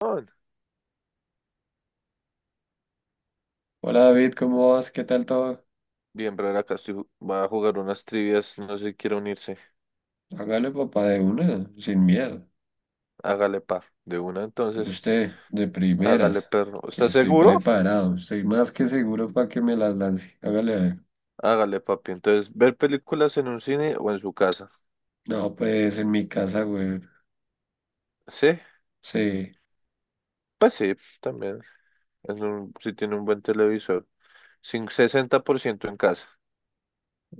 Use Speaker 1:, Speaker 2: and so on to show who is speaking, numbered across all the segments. Speaker 1: Juan.
Speaker 2: Hola David, ¿cómo vas? ¿Qué tal todo?
Speaker 1: Bien, brother, acá estoy, va a jugar unas trivias, no sé si quiere unirse.
Speaker 2: Hágale papá de una, sin miedo.
Speaker 1: Hágale, par. De una, entonces,
Speaker 2: Usted, de
Speaker 1: hágale,
Speaker 2: primeras,
Speaker 1: perro.
Speaker 2: que
Speaker 1: ¿Estás
Speaker 2: estoy
Speaker 1: seguro?
Speaker 2: preparado, estoy más que seguro para que me las lance. Hágale a ver.
Speaker 1: Hágale, papi. Entonces, ver películas en un cine o en su casa.
Speaker 2: No, pues en mi casa, güey.
Speaker 1: ¿Sí?
Speaker 2: Sí,
Speaker 1: Pues sí, también. Si tiene un buen televisor. Sin 60% en casa.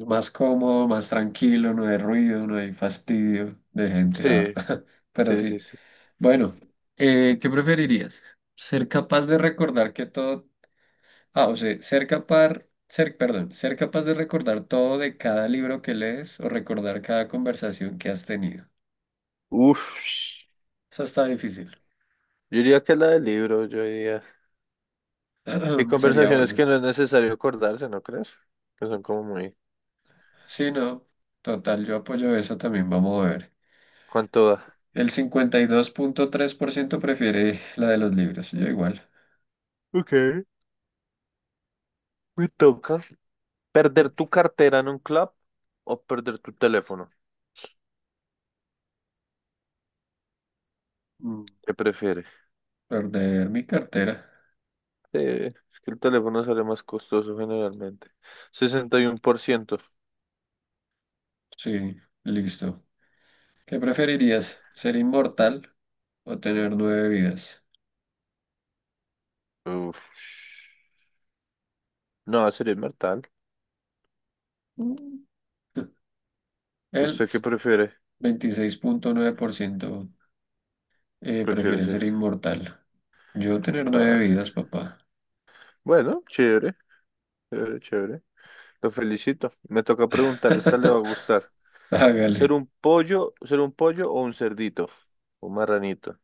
Speaker 2: más cómodo, más tranquilo, no hay ruido, no hay fastidio de gente. Ah,
Speaker 1: Sí,
Speaker 2: pero
Speaker 1: sí, sí,
Speaker 2: sí.
Speaker 1: sí.
Speaker 2: Bueno, ¿qué preferirías? ¿Ser capaz de recordar que todo Ah, o sea, ser capaz de recordar todo de cada libro que lees o recordar cada conversación que has tenido.
Speaker 1: Uf,
Speaker 2: Eso está difícil.
Speaker 1: yo diría que la del libro, yo diría. Qué
Speaker 2: Sería
Speaker 1: conversaciones
Speaker 2: bueno.
Speaker 1: que no es necesario acordarse, ¿no crees? Que son como muy.
Speaker 2: Sí, no, total, yo apoyo eso también. Vamos a ver.
Speaker 1: ¿Cuánto da?
Speaker 2: El 52,3% prefiere la de los libros. Yo igual.
Speaker 1: Ok, me toca. ¿Perder tu cartera en un club o perder tu teléfono?
Speaker 2: Mm,
Speaker 1: ¿Qué prefieres?
Speaker 2: Perder mi cartera.
Speaker 1: Eh, es que el teléfono sale más costoso generalmente. 61%.
Speaker 2: Sí, listo. ¿Qué preferirías? ¿Ser inmortal o tener nueve vidas?
Speaker 1: Uf. No, sería inmortal.
Speaker 2: Mm, El
Speaker 1: ¿Usted qué prefiere?
Speaker 2: 26,9%.
Speaker 1: Prefiere
Speaker 2: Prefiere
Speaker 1: ser.
Speaker 2: ser inmortal. Yo tener nueve
Speaker 1: Ah,
Speaker 2: vidas, papá.
Speaker 1: bueno, chévere, chévere, chévere. Lo felicito. Me toca preguntarle, esta le va a gustar.
Speaker 2: Hágale,
Speaker 1: Ser un pollo o un cerdito? Un marranito.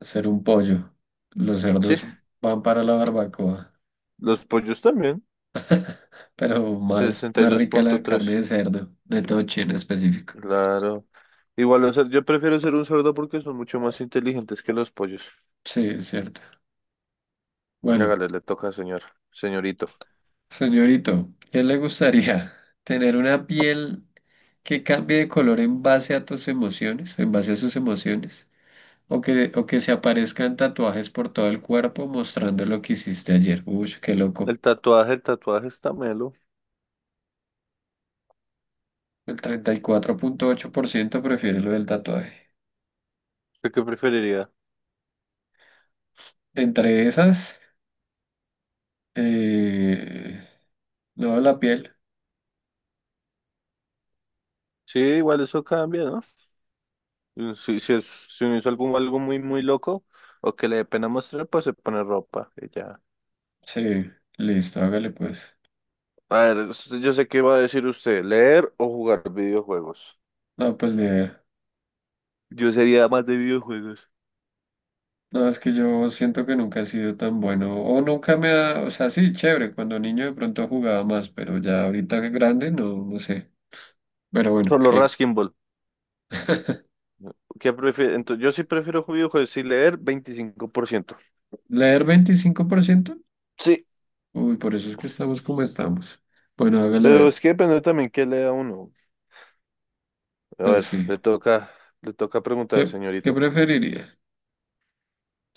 Speaker 2: ser un pollo. Los
Speaker 1: Sí,
Speaker 2: cerdos van para la barbacoa,
Speaker 1: los pollos también.
Speaker 2: pero más,
Speaker 1: Sesenta y
Speaker 2: más
Speaker 1: dos
Speaker 2: rica
Speaker 1: punto
Speaker 2: la carne
Speaker 1: tres.
Speaker 2: de cerdo, de toche en específico.
Speaker 1: Claro. Igual, o sea, yo prefiero ser un cerdo porque son mucho más inteligentes que los pollos.
Speaker 2: Sí, es cierto. Bueno,
Speaker 1: Hágale, le toca, señor, señorito.
Speaker 2: señorito, ¿qué le gustaría? ¿Tener una piel que cambie de color en base a tus emociones, en base a sus emociones? ¿O que se aparezcan tatuajes por todo el cuerpo mostrando lo que hiciste ayer? Uy, qué loco.
Speaker 1: El tatuaje está melo.
Speaker 2: El 34,8% prefiere lo del tatuaje.
Speaker 1: ¿Usted qué preferiría?
Speaker 2: Entre esas, eh, no, la piel.
Speaker 1: Sí, igual eso cambia, ¿no? Mm, si, si, es, si uno hizo algo, algo muy, muy loco o que le dé pena mostrar, pues se pone ropa y ya.
Speaker 2: Sí, listo, hágale pues.
Speaker 1: A ver, yo sé qué va a decir usted, leer o jugar videojuegos.
Speaker 2: No, pues ni idea.
Speaker 1: Yo sería más de videojuegos.
Speaker 2: No, es que yo siento que nunca he sido tan bueno. O nunca me ha. O sea, sí, chévere. Cuando niño de pronto jugaba más, pero ya ahorita que grande, no, no sé. Pero bueno,
Speaker 1: Solo
Speaker 2: ¿qué?
Speaker 1: Raskin Ball. ¿Qué prefiere? Entonces, yo sí prefiero videojuegos, sí leer veinticinco por ciento
Speaker 2: ¿Leer 25%?
Speaker 1: sí.
Speaker 2: Uy, por eso es que estamos como estamos. Bueno, hágale a
Speaker 1: Pero
Speaker 2: ver.
Speaker 1: es que depende también qué lea uno. A ver,
Speaker 2: Pues sí.
Speaker 1: le toca preguntar,
Speaker 2: ¿Qué, qué
Speaker 1: señorito.
Speaker 2: preferiría?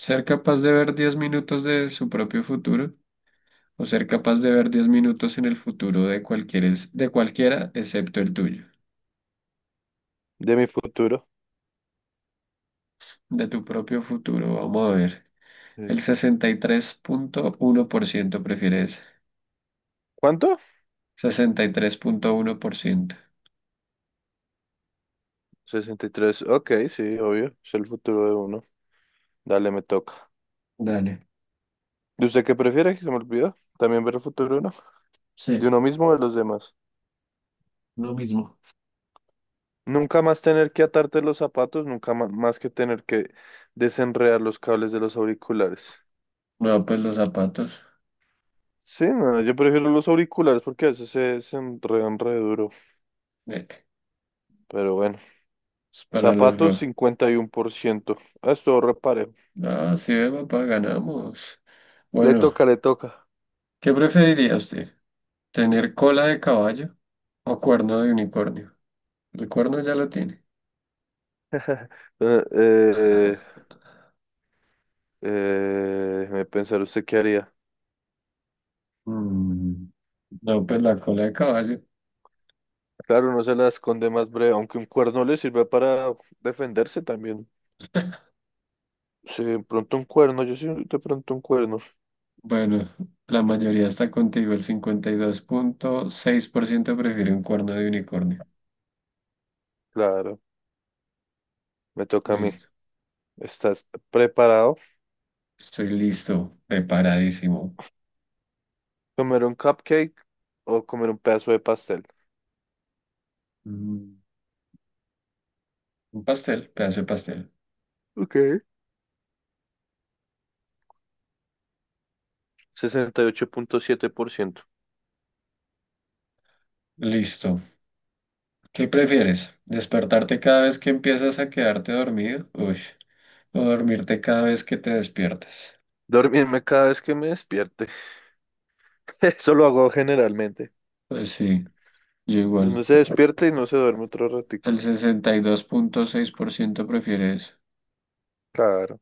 Speaker 2: Ser capaz de ver 10 minutos de su propio futuro o ser capaz de ver 10 minutos en el futuro de de cualquiera excepto el tuyo,
Speaker 1: De mi futuro.
Speaker 2: de tu propio futuro. Vamos a ver.
Speaker 1: Sí.
Speaker 2: El 63,1% prefiere eso.
Speaker 1: ¿Cuánto?
Speaker 2: 63,1%.
Speaker 1: Sesenta y tres, ok, sí, obvio. Es el futuro de uno. Dale, me toca.
Speaker 2: Dale,
Speaker 1: ¿De usted qué prefiere? Que se me olvidó. También ver el futuro de uno. De
Speaker 2: sí,
Speaker 1: uno mismo o de los demás.
Speaker 2: lo mismo.
Speaker 1: Nunca más tener que atarte los zapatos, nunca ma- más que tener que desenredar los cables de los auriculares.
Speaker 2: No, pues los zapatos.
Speaker 1: Sí, no, yo prefiero los auriculares porque a veces se desenredan re duro.
Speaker 2: eh,
Speaker 1: Pero bueno,
Speaker 2: es para los
Speaker 1: zapatos
Speaker 2: flojos.
Speaker 1: 51%. Ah, esto repare.
Speaker 2: No, sí, ve, papá, ganamos.
Speaker 1: Le
Speaker 2: Bueno,
Speaker 1: toca, le toca.
Speaker 2: ¿qué preferiría usted? ¿Tener cola de caballo o cuerno de unicornio? El cuerno ya lo tiene.
Speaker 1: Eh, eh, eh, déjeme pensar, ¿usted qué haría?
Speaker 2: Mm. No, pues la cola de caballo.
Speaker 1: Claro, no se la esconde más breve, aunque un cuerno le sirve para defenderse también. Sí, de pronto un cuerno, yo sí, de pronto un cuerno.
Speaker 2: Bueno, la mayoría está contigo. El 52,6% prefiere un cuerno de unicornio.
Speaker 1: Claro, me toca a mí.
Speaker 2: Listo.
Speaker 1: ¿Estás preparado?
Speaker 2: Estoy listo, preparadísimo.
Speaker 1: ¿Comer un cupcake o comer un pedazo de pastel?
Speaker 2: Mm, Un pastel, pedazo de pastel.
Speaker 1: Ok. Sesenta y ocho punto siete por ciento.
Speaker 2: Listo. ¿Qué prefieres? ¿Despertarte cada vez que empiezas a quedarte dormido? Uy. ¿O dormirte cada vez que te despiertas?
Speaker 1: Dormirme cada vez que me despierte. Eso lo hago generalmente.
Speaker 2: Pues sí, yo
Speaker 1: Uno
Speaker 2: igual.
Speaker 1: se despierta y no se duerme otro
Speaker 2: El
Speaker 1: ratico.
Speaker 2: 62,6% prefiere eso.
Speaker 1: Claro.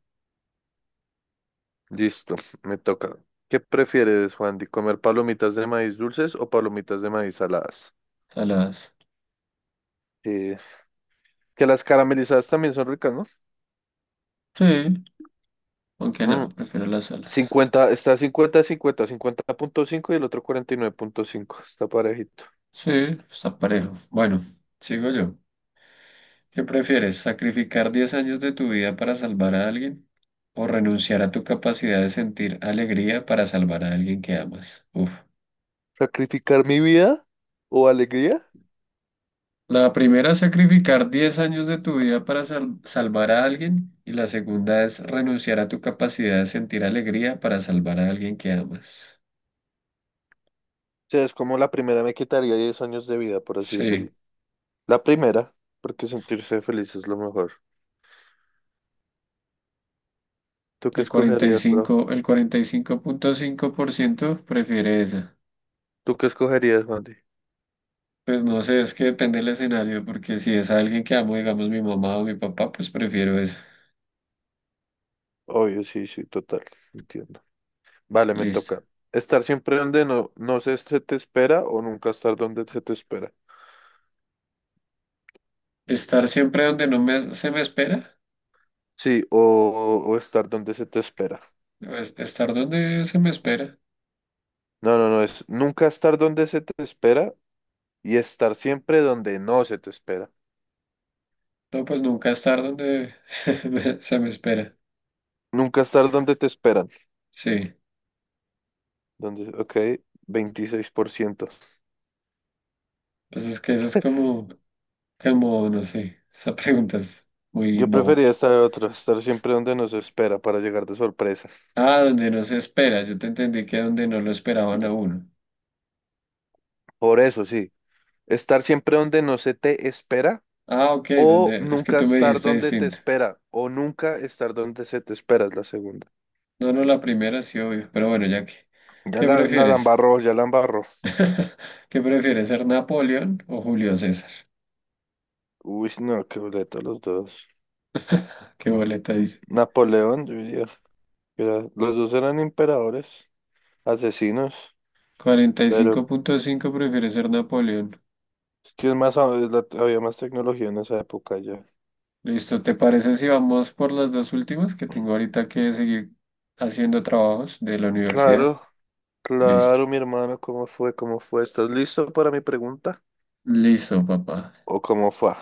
Speaker 1: Listo, me toca. ¿Qué prefieres, Juan, de comer palomitas de maíz dulces o palomitas de maíz saladas?
Speaker 2: Saladas.
Speaker 1: Eh, que las caramelizadas también son ricas, ¿no?
Speaker 2: Sí, aunque
Speaker 1: Mm,
Speaker 2: no, prefiero las saladas.
Speaker 1: 50 está 50 a cincuenta, cincuenta punto cinco y el otro cuarenta y nueve punto cinco. Está parejito.
Speaker 2: Sí, está parejo. Bueno, sigo yo. ¿Qué prefieres? ¿Sacrificar 10 años de tu vida para salvar a alguien? ¿O renunciar a tu capacidad de sentir alegría para salvar a alguien que amas? Uf.
Speaker 1: ¿Sacrificar mi vida o alegría?
Speaker 2: La primera, sacrificar 10 años de tu vida para salvar a alguien. Y la segunda es renunciar a tu capacidad de sentir alegría para salvar a alguien que amas.
Speaker 1: O sea, es como la primera me quitaría 10 años de vida, por así decirlo.
Speaker 2: Sí.
Speaker 1: La primera, porque sentirse feliz es lo mejor. ¿Tú qué
Speaker 2: El cuarenta y
Speaker 1: escogerías, bro?
Speaker 2: cinco el cuarenta y cinco cinco punto cinco por ciento prefiere esa.
Speaker 1: ¿Tú qué escogerías, Juan?
Speaker 2: Pues no sé, es que depende del escenario, porque si es alguien que amo, digamos mi mamá o mi papá, pues prefiero eso.
Speaker 1: Obvio, sí, sí, total, entiendo. Vale, me
Speaker 2: Listo.
Speaker 1: toca. Estar siempre donde no, no se, se te espera o nunca estar donde se te espera.
Speaker 2: Estar siempre donde no me, se me espera.
Speaker 1: Sí, o estar donde se te espera.
Speaker 2: Pues, estar donde se me espera.
Speaker 1: No, no, no, es nunca estar donde se te espera y estar siempre donde no se te espera.
Speaker 2: No, pues nunca estar donde se me espera.
Speaker 1: Nunca estar donde te esperan.
Speaker 2: Sí.
Speaker 1: Donde, ok, veintiséis por ciento.
Speaker 2: Pues es que eso es como, no sé, esa pregunta es muy
Speaker 1: Yo
Speaker 2: boba.
Speaker 1: prefería estar otro, estar siempre donde no se espera para llegar de sorpresa.
Speaker 2: Ah, donde no se espera. Yo te entendí que donde no lo esperaban a uno.
Speaker 1: Por eso, sí. Estar siempre donde no se te espera.
Speaker 2: Ah, ok,
Speaker 1: O
Speaker 2: donde, es que
Speaker 1: nunca
Speaker 2: tú me
Speaker 1: estar
Speaker 2: dijiste
Speaker 1: donde te
Speaker 2: distinto.
Speaker 1: espera. O nunca estar donde se te espera es la segunda.
Speaker 2: No, no, la primera sí, obvio. Pero bueno, ya que,
Speaker 1: Ya
Speaker 2: ¿qué
Speaker 1: la, la, la
Speaker 2: prefieres?
Speaker 1: embarró, ya la embarró.
Speaker 2: ¿Qué prefiere ser Napoleón o Julio César?
Speaker 1: Uy, no, qué boleta los dos.
Speaker 2: ¿Qué boleta dice?
Speaker 1: Napoleón, yo diría. Los dos eran emperadores, asesinos.
Speaker 2: Cuarenta y
Speaker 1: Pero
Speaker 2: cinco punto cinco prefiere ser Napoleón.
Speaker 1: es que es más, a- es la- había más tecnología en esa época ya.
Speaker 2: Listo, ¿te parece si vamos por las dos últimas que tengo ahorita que seguir haciendo trabajos de la universidad?
Speaker 1: Claro,
Speaker 2: Listo.
Speaker 1: claro, mi hermano, ¿cómo fue? ¿Cómo fue? ¿Estás listo para mi pregunta?
Speaker 2: Listo, papá.
Speaker 1: ¿O cómo fue?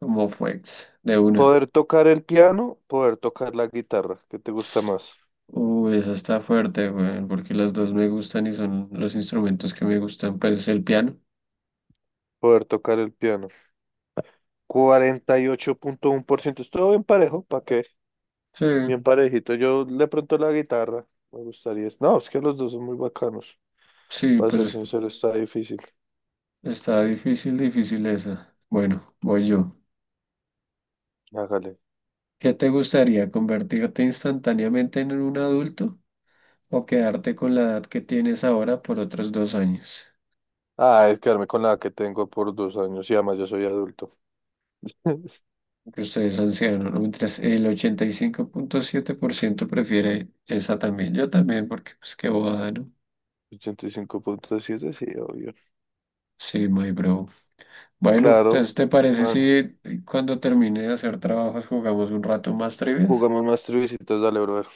Speaker 2: ¿Cómo fue? De una.
Speaker 1: Poder tocar el piano, poder tocar la guitarra. ¿Qué te gusta más?
Speaker 2: Uy, esa está fuerte, güey, porque las dos me gustan y son los instrumentos que me gustan. Pues el piano.
Speaker 1: Poder tocar el piano. 48.1%. Estuvo bien parejo, ¿para qué?
Speaker 2: Sí,
Speaker 1: Bien parejito. Yo de pronto la guitarra me gustaría. No, es que los dos son muy bacanos.
Speaker 2: sí,
Speaker 1: Para ser
Speaker 2: pues
Speaker 1: sincero, está difícil.
Speaker 2: está difícil, difícil esa. Bueno, voy yo.
Speaker 1: Hágale.
Speaker 2: ¿Qué te gustaría? ¿Convertirte instantáneamente en un adulto o quedarte con la edad que tienes ahora por otros 2 años?
Speaker 1: Ah, es quedarme con la que tengo por dos años y además yo soy adulto.
Speaker 2: Que ustedes ancianos, ¿no? Mientras el 85.7% prefiere esa también. Yo también, porque pues qué bobada, ¿no?
Speaker 1: Ochenta y cinco punto siete sí, obvio.
Speaker 2: Sí, my bro. Bueno,
Speaker 1: Claro.
Speaker 2: entonces, ¿te parece si
Speaker 1: Bueno,
Speaker 2: cuando termine de hacer trabajos jugamos un rato más trivias?
Speaker 1: jugamos más triviecitas, dale, brother.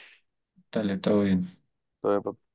Speaker 2: Dale, todo bien.
Speaker 1: Todo bien,